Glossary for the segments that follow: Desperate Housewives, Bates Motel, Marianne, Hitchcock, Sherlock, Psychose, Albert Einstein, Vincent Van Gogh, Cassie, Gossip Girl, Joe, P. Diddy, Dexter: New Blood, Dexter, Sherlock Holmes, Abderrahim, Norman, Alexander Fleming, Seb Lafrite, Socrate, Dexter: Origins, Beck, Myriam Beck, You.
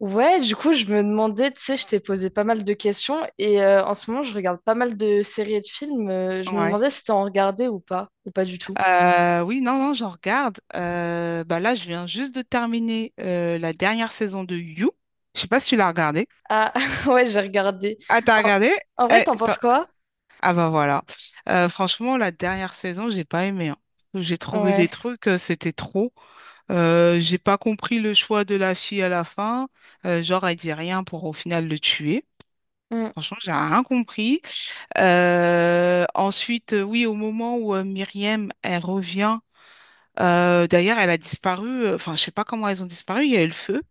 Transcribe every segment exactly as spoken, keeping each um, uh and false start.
Ouais, du coup, je me demandais, tu sais, je t'ai posé pas mal de questions et euh, en ce moment, je regarde pas mal de séries et de films. Euh, je me Ouais. demandais si t'en regardais ou pas, ou pas du tout. Euh, oui, non, non, j'en regarde. Euh, bah là, je viens juste de terminer euh, la dernière saison de You. Je sais pas si tu l'as regardé. Ah, ouais, j'ai regardé. Ah, t'as En, regardé? en vrai, Eh, t'en t'as- penses quoi? Ah bah voilà. Euh, franchement, la dernière saison, j'ai pas aimé, hein. J'ai trouvé des Ouais. trucs, euh, c'était trop. Euh, j'ai pas compris le choix de la fille à la fin. Euh, genre, elle dit rien pour au final le tuer. Mm. Franchement, j'ai rien compris. Euh, ensuite, euh, oui, au moment où euh, Myriam, elle revient. Euh, d'ailleurs, elle a disparu. euh, Enfin, je sais pas comment elles ont disparu. Il y a eu le feu.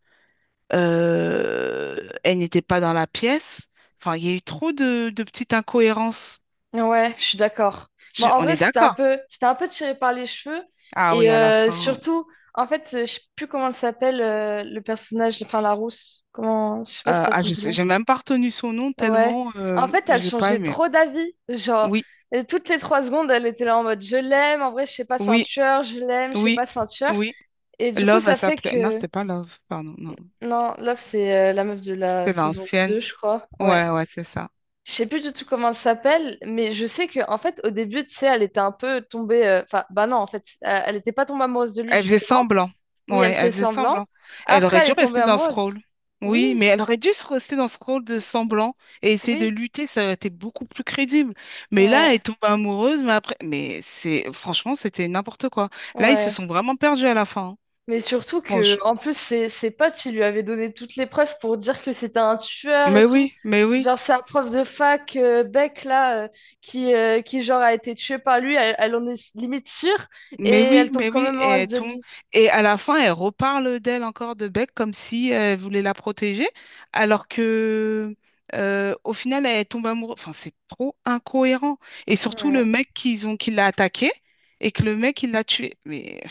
Euh, elle n'était pas dans la pièce. Enfin, il y a eu trop de, de petites incohérences. Ouais, je suis d'accord. Bon, Je- en On vrai, est c'était un d'accord. peu, c'était un peu tiré par les cheveux Ah et oui, à la euh, fin. surtout, en fait, euh, je sais plus comment elle s'appelle, euh, le personnage, enfin la rousse. Comment, je sais pas si Euh, ça Ah, son je sais, nom. j'ai même pas retenu son nom Ouais. tellement euh, En fait, elle j'ai pas changeait aimé. trop d'avis. Genre, Oui, et toutes les trois secondes, elle était là en mode je l'aime, en vrai, je sais pas, c'est un oui, tueur, je l'aime, je sais oui, pas, c'est un tueur. oui. Et du coup, Love, elle ça fait s'appelait. Non, que. c'était pas Love. Pardon, non. Non, Love, c'est euh, la meuf de la C'était saison l'ancienne. deux je crois. Ouais. Ouais, ouais, c'est ça. Je sais plus du tout comment elle s'appelle, mais je sais que en fait, au début, tu sais, elle était un peu tombée. euh, Enfin, bah non, en fait, euh, elle était pas tombée amoureuse de lui, Elle faisait justement. semblant. Oui, Ouais, elle elle fait faisait semblant. semblant. Elle Après, aurait elle dû est tombée rester dans ce amoureuse. rôle. Oui, Oui, mais elle aurait dû se rester dans ce rôle de semblant et essayer de oui. lutter, ça aurait été beaucoup plus crédible. Mais là, Ouais, elle tombe amoureuse, mais après, mais c'est franchement, c'était n'importe quoi. Là, ils se ouais. sont vraiment perdus à la fin, hein. Mais surtout que, en plus, ses, ses potes, ils lui avaient donné toutes les preuves pour dire que c'était un tueur Mais et tout. oui, mais oui. Genre, sa prof de fac, euh, Beck, là, euh, qui, euh, qui, genre, a été tuée par lui, elle, elle en est limite sûre, et Mais oui, elle tombe mais quand oui, même et elle reste de tombe. lui. Et à la fin, elle reparle d'elle encore de Beck comme si elle voulait la protéger, alors que euh, au final, elle tombe amoureuse. Enfin, c'est trop incohérent. Et surtout, le Ouais. mec qu'ils ont, qui l'a attaqué et que le mec, il l'a tué. Mais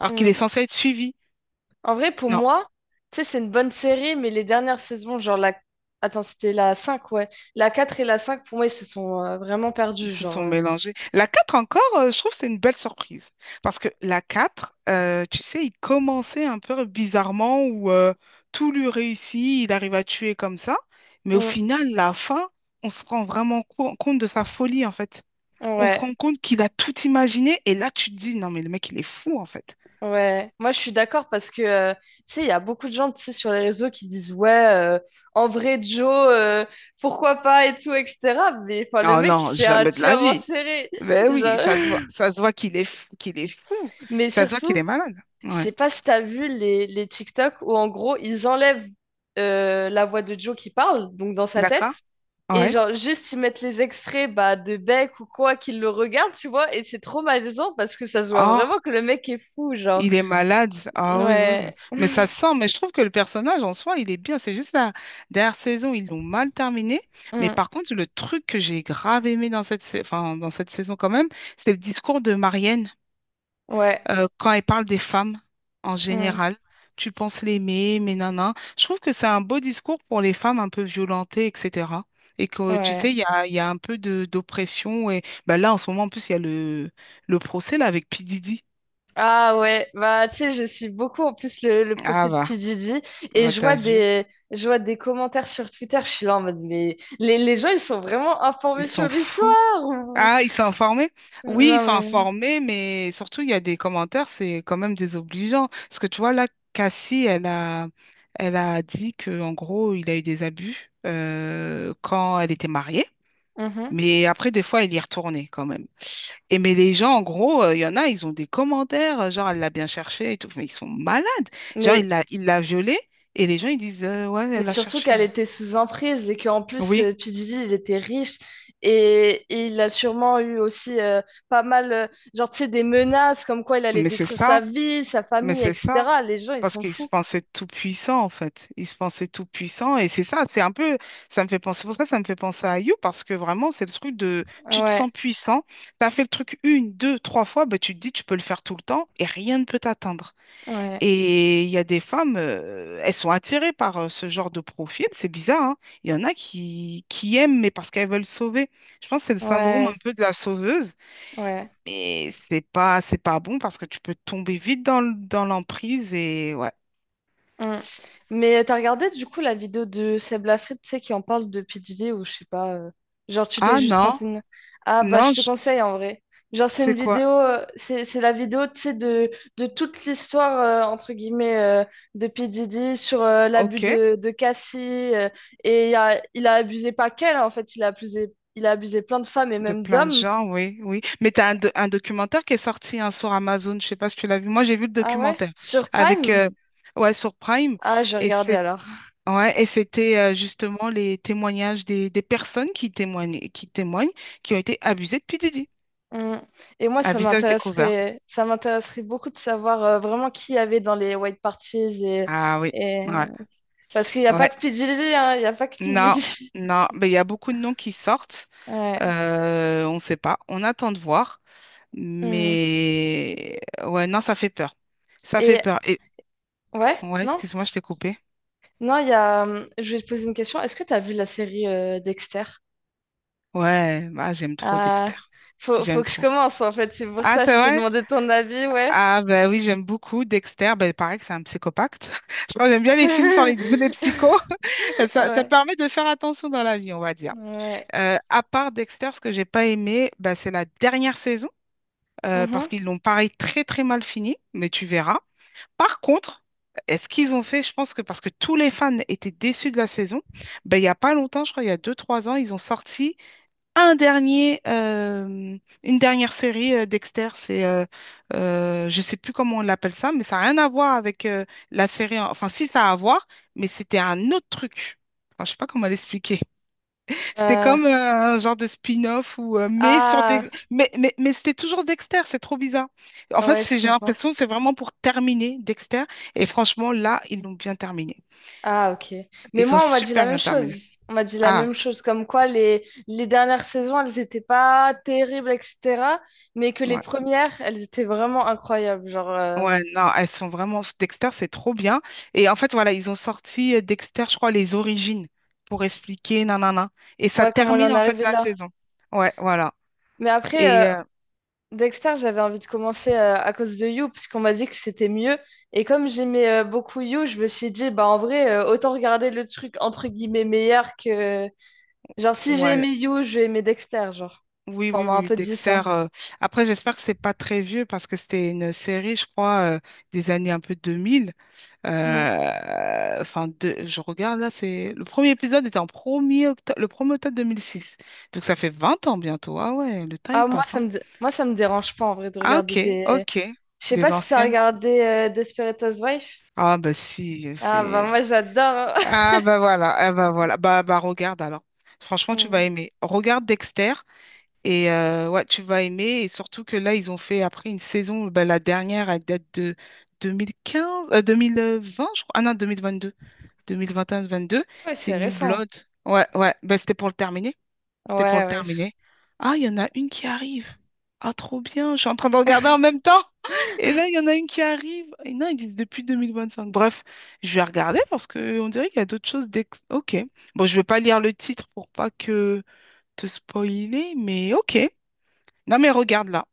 alors qu'il est Mm. censé être suivi. En vrai, pour moi, tu sais, c'est une bonne série, mais les dernières saisons, genre, la... Attends, c'était la cinq ouais. La quatre et la cinq pour moi, ils se sont euh, vraiment Ils perdus, se genre. sont euh. mélangés. La quatre encore, euh, je trouve que c'est une belle surprise. Parce que la quatre, euh, tu sais, il commençait un peu bizarrement où euh, tout lui réussit, il arrive à tuer comme ça. Mais au Mm. final, la fin, on se rend vraiment co- compte de sa folie, en fait. On se Ouais. rend compte qu'il a tout imaginé et là, tu te dis, non, mais le mec, il est fou, en fait. Ouais, moi je suis d'accord parce que euh, tu sais, il y a beaucoup de gens tu sais, sur les réseaux qui disent ouais, euh, en vrai Joe, euh, pourquoi pas et tout, et cetera. Mais enfin, le Oh mec, non, c'est un jamais de la tueur en vie. série. Ben oui, Genre... ça se voit, ça se voit qu'il est, fou- qu'il est fou. Mais Ça se voit qu'il est surtout, malade. je Ouais. sais pas si t'as vu les, les TikTok où en gros ils enlèvent euh, la voix de Joe qui parle, donc dans sa tête, D'accord? et Ouais. genre juste ils mettent les extraits bah, de Beck ou quoi qu'ils le regardent, tu vois, et c'est trop malaisant parce que ça se voit Oh. vraiment que le mec est fou, genre. Il est malade. Ah oui, oui. Ouais. Mais ça sent. Mais je trouve que le personnage en soi, il est bien. C'est juste la dernière saison, ils l'ont mal terminé. Mais Mm. par contre, le truc que j'ai grave aimé dans cette, sa- enfin, dans cette saison quand même, c'est le discours de Marianne Ouais. euh, quand elle parle des femmes en Hmm, général. Tu penses l'aimer, mais non. Je trouve que c'est un beau discours pour les femmes un peu violentées, et cetera. Et que tu ouais. sais, il y a, il y a un peu de d'oppression. Et bah là, en ce moment, en plus, il y a le, le procès là, avec P. Diddy. Ah ouais, bah tu sais, je suis beaucoup en plus le, le Ah procès de bah, P. Diddy et bah je t'as vois vu. des, je vois des commentaires sur Twitter, je suis là en mode mais les, les gens ils sont vraiment informés Ils sur sont fous. l'histoire ou... Ah, ils sont informés? Oui, ils Non sont mais... informés, mais surtout, il y a des commentaires, c'est quand même désobligeant. Parce que tu vois, là, Cassie, elle a, elle a dit que en gros, il a eu des abus euh, quand elle était mariée. Mhm. Mais après, des fois, il y est retourné quand même. Et mais les gens, en gros, euh, il y en a, ils ont des commentaires, euh, genre, elle l'a bien cherché et tout, mais ils sont malades. Genre, Mais, il l'a, il l'a violée et les gens, ils disent, euh, ouais, mais elle l'a surtout cherché. qu'elle était sous emprise et qu'en plus Oui, euh, P. Diddy il était riche et, et il a sûrement eu aussi euh, pas mal, euh, genre tu sais, des menaces comme quoi il allait mais c'est détruire sa ça, vie, sa mais famille, c'est ça. et cetera. Les gens ils Parce sont qu'il se fous. pensait tout puissant, en fait. Il se pensait tout puissant. Et c'est ça, c'est un peu, ça me fait penser, pour ça, ça me fait penser à You, parce que vraiment, c'est le truc de, tu te Ouais, sens puissant, t'as fait le truc une, deux, trois fois, bah, tu te dis, tu peux le faire tout le temps et rien ne peut t'atteindre. ouais. Et il y a des femmes, euh, elles sont attirées par euh, ce genre de profil, c'est bizarre, hein. Il y en a qui, qui aiment, mais parce qu'elles veulent sauver. Je pense que c'est le syndrome Ouais, un peu de la sauveuse, ouais. mais c'est pas, c'est pas bon parce que tu peux tomber vite dans, le- dans l'emprise et ouais. Mm. Mais t'as regardé du coup la vidéo de Seb Lafrite, tu sais, qui en parle de P. Diddy ou je sais pas. euh, Genre, tu t'es Ah juste non, renseigné. Ah, bah, je non, te je- conseille en vrai. Genre, c'est une c'est quoi? vidéo, euh, c'est c'est la vidéo, tu sais, de, de toute l'histoire, euh, entre guillemets, euh, de P. Diddy sur euh, l'abus Ok, de, de Cassie. Euh, et il a, il a abusé pas qu'elle, en fait, il a abusé, il a abusé plein de femmes et de même plein de d'hommes. gens, oui, oui. Mais t'as un, do- un documentaire qui est sorti hein, sur Amazon, je sais pas si tu l'as vu. Moi, j'ai vu le Ah ouais? documentaire Sur avec, Prime? euh, ouais, sur Prime. Ah, j'ai Et regardé c'est, alors. ouais, et c'était euh, justement les témoignages des, des personnes qui témoignent, qui témoignent, qui ont été abusées depuis Didi, Mm. Et moi, à ça visage découvert. m'intéresserait, ça m'intéresserait beaucoup de savoir euh, vraiment qui y avait dans les white parties et, Ah oui, et... ouais, parce qu'il n'y a pas ouais. que P. Diddy, hein, il n'y a pas que P. Non, Diddy. non, mais il y a beaucoup de noms qui sortent. Ouais. Euh, on ne sait pas. On attend de voir. Mm. Mais ouais, non, ça fait peur. Ça fait Et peur. Et ouais, ouais, non, excuse-moi, je t'ai coupé. non, il y a. hum, Je vais te poser une question. Est-ce que tu as vu la série euh, Dexter? Ouais, bah j'aime trop Dexter. Ah, faut, faut J'aime que je trop. commence en fait. C'est pour Ah, ça que c'est je te vrai? demandais ton avis, ouais. Ah, ben oui, j'aime beaucoup Dexter. Ben, pareil que c'est un psychopathe. Je crois que j'aime bien les films sur les, les psychos. Ça, ça Ouais, permet de faire attention dans la vie, on va dire. ouais. Euh, à part Dexter, ce que j'ai pas aimé, ben, c'est la dernière saison, euh, parce Mhm. qu'ils l'ont pareil très très mal fini, mais tu verras. Par contre, est-ce qu'ils ont fait, je pense que parce que tous les fans étaient déçus de la saison, ben, il n'y a pas longtemps, je crois, il y a deux trois ans, ils ont sorti un dernier, euh, une dernière série euh, Dexter. C'est, euh, euh, je sais plus comment on l'appelle ça, mais ça n'a rien à voir avec euh, la série. en- Enfin, si, ça a à voir, mais c'était un autre truc. Enfin, je sais pas comment l'expliquer. C'était Euh, comme euh, un genre de spin-off ou euh, mais sur ah, des mais mais, mais c'était toujours Dexter, c'est trop bizarre. En fait, ouais, je c'est j'ai comprends. l'impression que c'est vraiment pour terminer Dexter et franchement là, ils l'ont bien terminé. Ah, ok. Mais Ils ont moi, on m'a dit la super même bien terminé. chose. On m'a dit la Ah, même chose, comme quoi les, les dernières saisons, elles n'étaient pas terribles, et cetera. Mais que les ouais. premières, elles étaient vraiment incroyables. Genre, euh, Ouais, non, elles sont vraiment Dexter, c'est trop bien et en fait voilà, ils ont sorti euh, Dexter, je crois les origines pour expliquer nanana et ça ouais, comment on termine en est en fait arrivé la là. saison. Ouais, voilà. Mais après, Et euh, euh, Dexter, j'avais envie de commencer euh, à cause de You, parce qu'on m'a dit que c'était mieux. Et comme j'aimais euh, beaucoup You, je me suis dit, bah en vrai, euh, autant regarder le truc entre guillemets meilleur que... Genre, si j'ai ouais, aimé You, je vais aimer Dexter, genre. oui, Enfin, oui, on m'a oui, un oui, peu dit Dexter. ça. euh, Après, j'espère que c'est pas très vieux parce que c'était une série, je crois, euh, des années un peu deux mille. Mm. Euh, Enfin, de- je regarde là, c'est le premier épisode était en premier er octo- le premier octobre deux mille six. Donc ça fait vingt ans bientôt. Ah ouais, le temps il Ah, moi, passe, ça hein. me, dé- moi, ça me dérange pas en vrai de Ah regarder ok, des. ok. Je sais Des pas si t'as anciennes. regardé euh, Desperate Housewives. Ah bah si, euh, Ah, bah, c'est. moi, j'adore. Ah bah voilà, ah bah voilà. Bah bah regarde alors. Franchement, tu vas Hmm. aimer. Regarde Dexter. Et euh, ouais, tu vas aimer. Et surtout que là, ils ont fait après une saison, bah, la dernière, elle date de deux mille quinze, euh, deux mille vingt, je crois. Ah non, deux mille vingt-deux, vingt deux, Ouais, c'est c'est New récent. Blood. Ouais, ouais. Bah, c'était pour le terminer. Ouais, C'était pour le ouais. je- terminer. Ah, il y en a une qui arrive. Ah, trop bien. Je suis en train de regarder en même temps. Et là, il y en a une qui arrive. Et non, ils disent depuis deux mille vingt cinq. Bref, je vais regarder parce qu'on dirait qu'il y a d'autres choses. d'ex- Ok. Bon, je vais pas lire le titre pour pas que te spoiler, mais ok. Non, mais regarde là.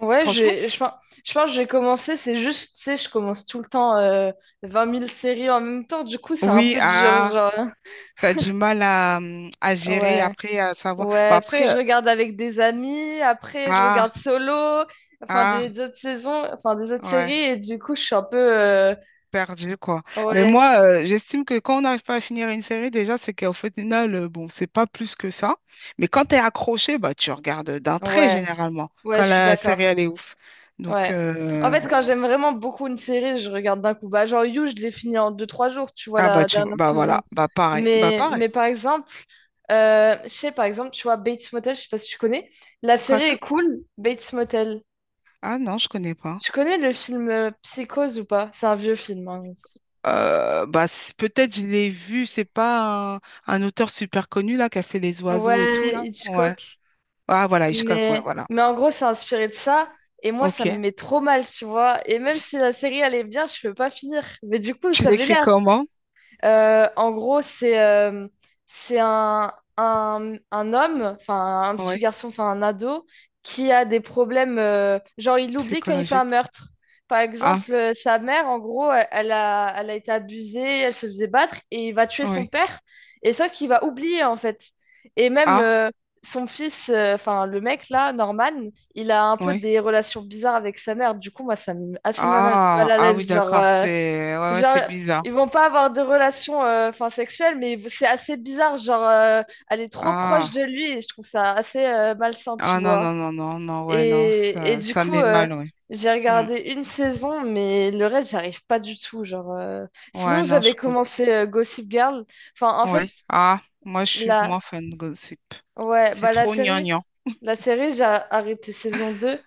Ouais, je Franchement, vais- c- je, pense- je pense que j'ai commencé. C'est juste, tu sais, je commence tout le temps euh, vingt mille séries en même temps. Du coup, c'est un oui, peu du genre, ah, genre, hein. t'as du mal à, hum, à gérer Ouais. après, à savoir. Bah Ouais, parce que après, euh, je regarde avec des amis. Après, je ah, regarde solo. Enfin, ah, des autres saisons. Enfin, des autres séries. ouais, Et du coup, je suis un peu. euh, perdu quoi. Mais Ouais. moi, euh, j'estime que quand on n'arrive pas à finir une série, déjà, c'est qu'au final, euh, bon, c'est pas plus que ça. Mais quand t'es accroché, bah tu regardes d'un trait Ouais. généralement, Ouais, quand je suis la série, d'accord. elle est ouf. Donc, Ouais. En euh, fait, bon. quand j'aime vraiment beaucoup une série, je regarde d'un coup. Bah, genre You, je l'ai fini en deux trois jours, tu vois, Ah, bah, la tu, dernière bah voilà, saison. bah pareil, bah Mais, pareil. mais par exemple, euh, je sais, par exemple, tu vois, Bates Motel, je sais pas si tu connais. La Quoi série ça? est cool, Bates Motel. Ah non, je connais pas. Tu connais le film euh, Psychose ou pas? C'est un vieux film. Hein. Euh, bah, c'est- peut-être je l'ai vu, c'est pas un, un auteur super connu là qui a fait les oiseaux et tout Ouais, là. Ouais. Hitchcock. Ah voilà, Hitchcock, ouais, Mais, voilà. mais en gros, c'est inspiré de ça. Et moi, Ok. ça me met trop mal, tu vois. Et même si la série, elle est bien, je peux pas finir. Mais du coup, Tu ça l'écris m'énerve. comment? Euh, en gros, c'est euh, c'est un, un, un homme, enfin un petit Ouais, garçon, enfin un ado, qui a des problèmes. Euh, genre, il l'oublie quand il fait un psychologique. meurtre. Par Ah, exemple, euh, sa mère, en gros, elle, elle a, elle a été abusée, elle se faisait battre, et il va tuer son oui. père, et sauf qu'il va oublier, en fait. Et même Ah, euh, son fils, euh, enfin le mec là, Norman, il a un peu oui. des relations bizarres avec sa mère. Du coup, moi, ça me met assez mal, mal Ah, à ah oui, l'aise. Genre, d'accord, euh, c'est ouais, ouais, genre, c'est bizarre. ils vont pas avoir de relation euh, enfin, sexuelle, mais c'est assez bizarre. Genre, euh, elle est trop proche Ah, de lui et je trouve ça assez euh, malsain, tu ah non, vois. non, non, non, non, ouais, non, Et, et ça, du ça coup, met euh, mal, ouais. j'ai Hmm. regardé une saison, mais le reste, j'arrive pas du tout. Genre, euh. Ouais, Sinon, non, je j'avais comprends. commencé euh, Gossip Girl. Enfin, en fait, Oui. Ah, moi, je suis moins la... fan de gossip. Ouais, C'est bah, la trop série, gnangnan. la série, j'ai arrêté saison deux.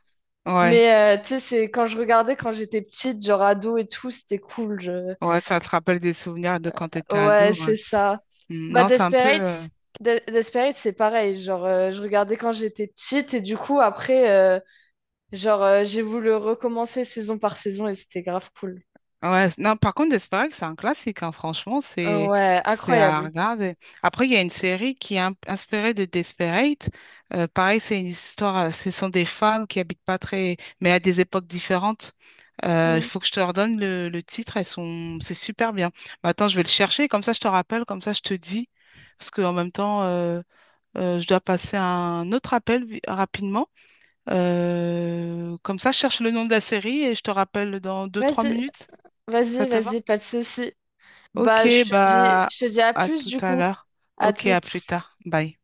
Ouais. Mais euh, tu sais, c'est quand je regardais quand j'étais petite, genre ado et tout, c'était cool. je- Ouais, ça te rappelle des souvenirs de quand t'étais Ouais, ado, ouais. c'est ça. Mm, Bah, non, c'est un peu. Desperate, euh, De- Desperate, c'est pareil. Genre, euh, je regardais quand j'étais petite et du coup, après, euh, genre, euh, j'ai voulu recommencer saison par saison et c'était grave cool. Ouais, non, par contre, Desperate, c'est un classique, hein. Franchement, Euh, c'est ouais, c'est à incroyable. regarder. Après, il y a une série qui est un- inspirée de Desperate. Euh, pareil, c'est une histoire. euh, Ce sont des femmes qui habitent pas très. Mais à des époques différentes. Euh, Il Mm. faut que je te redonne le, le titre. Elles sont. C'est super bien. Mais attends, je vais le chercher. Comme ça, je te rappelle. Comme ça, je te dis. Parce que en même temps, euh, euh, je dois passer un autre appel vi- rapidement. Euh, comme ça, je cherche le nom de la série et je te rappelle dans deux-trois Vas-y, minutes. vas-y, Ça te va? vas-y, pas de souci. Bah, Ok, je te dis, bah je te dis à à plus tout du à coup. l'heure. À Ok, à toutes. plus tard. Bye.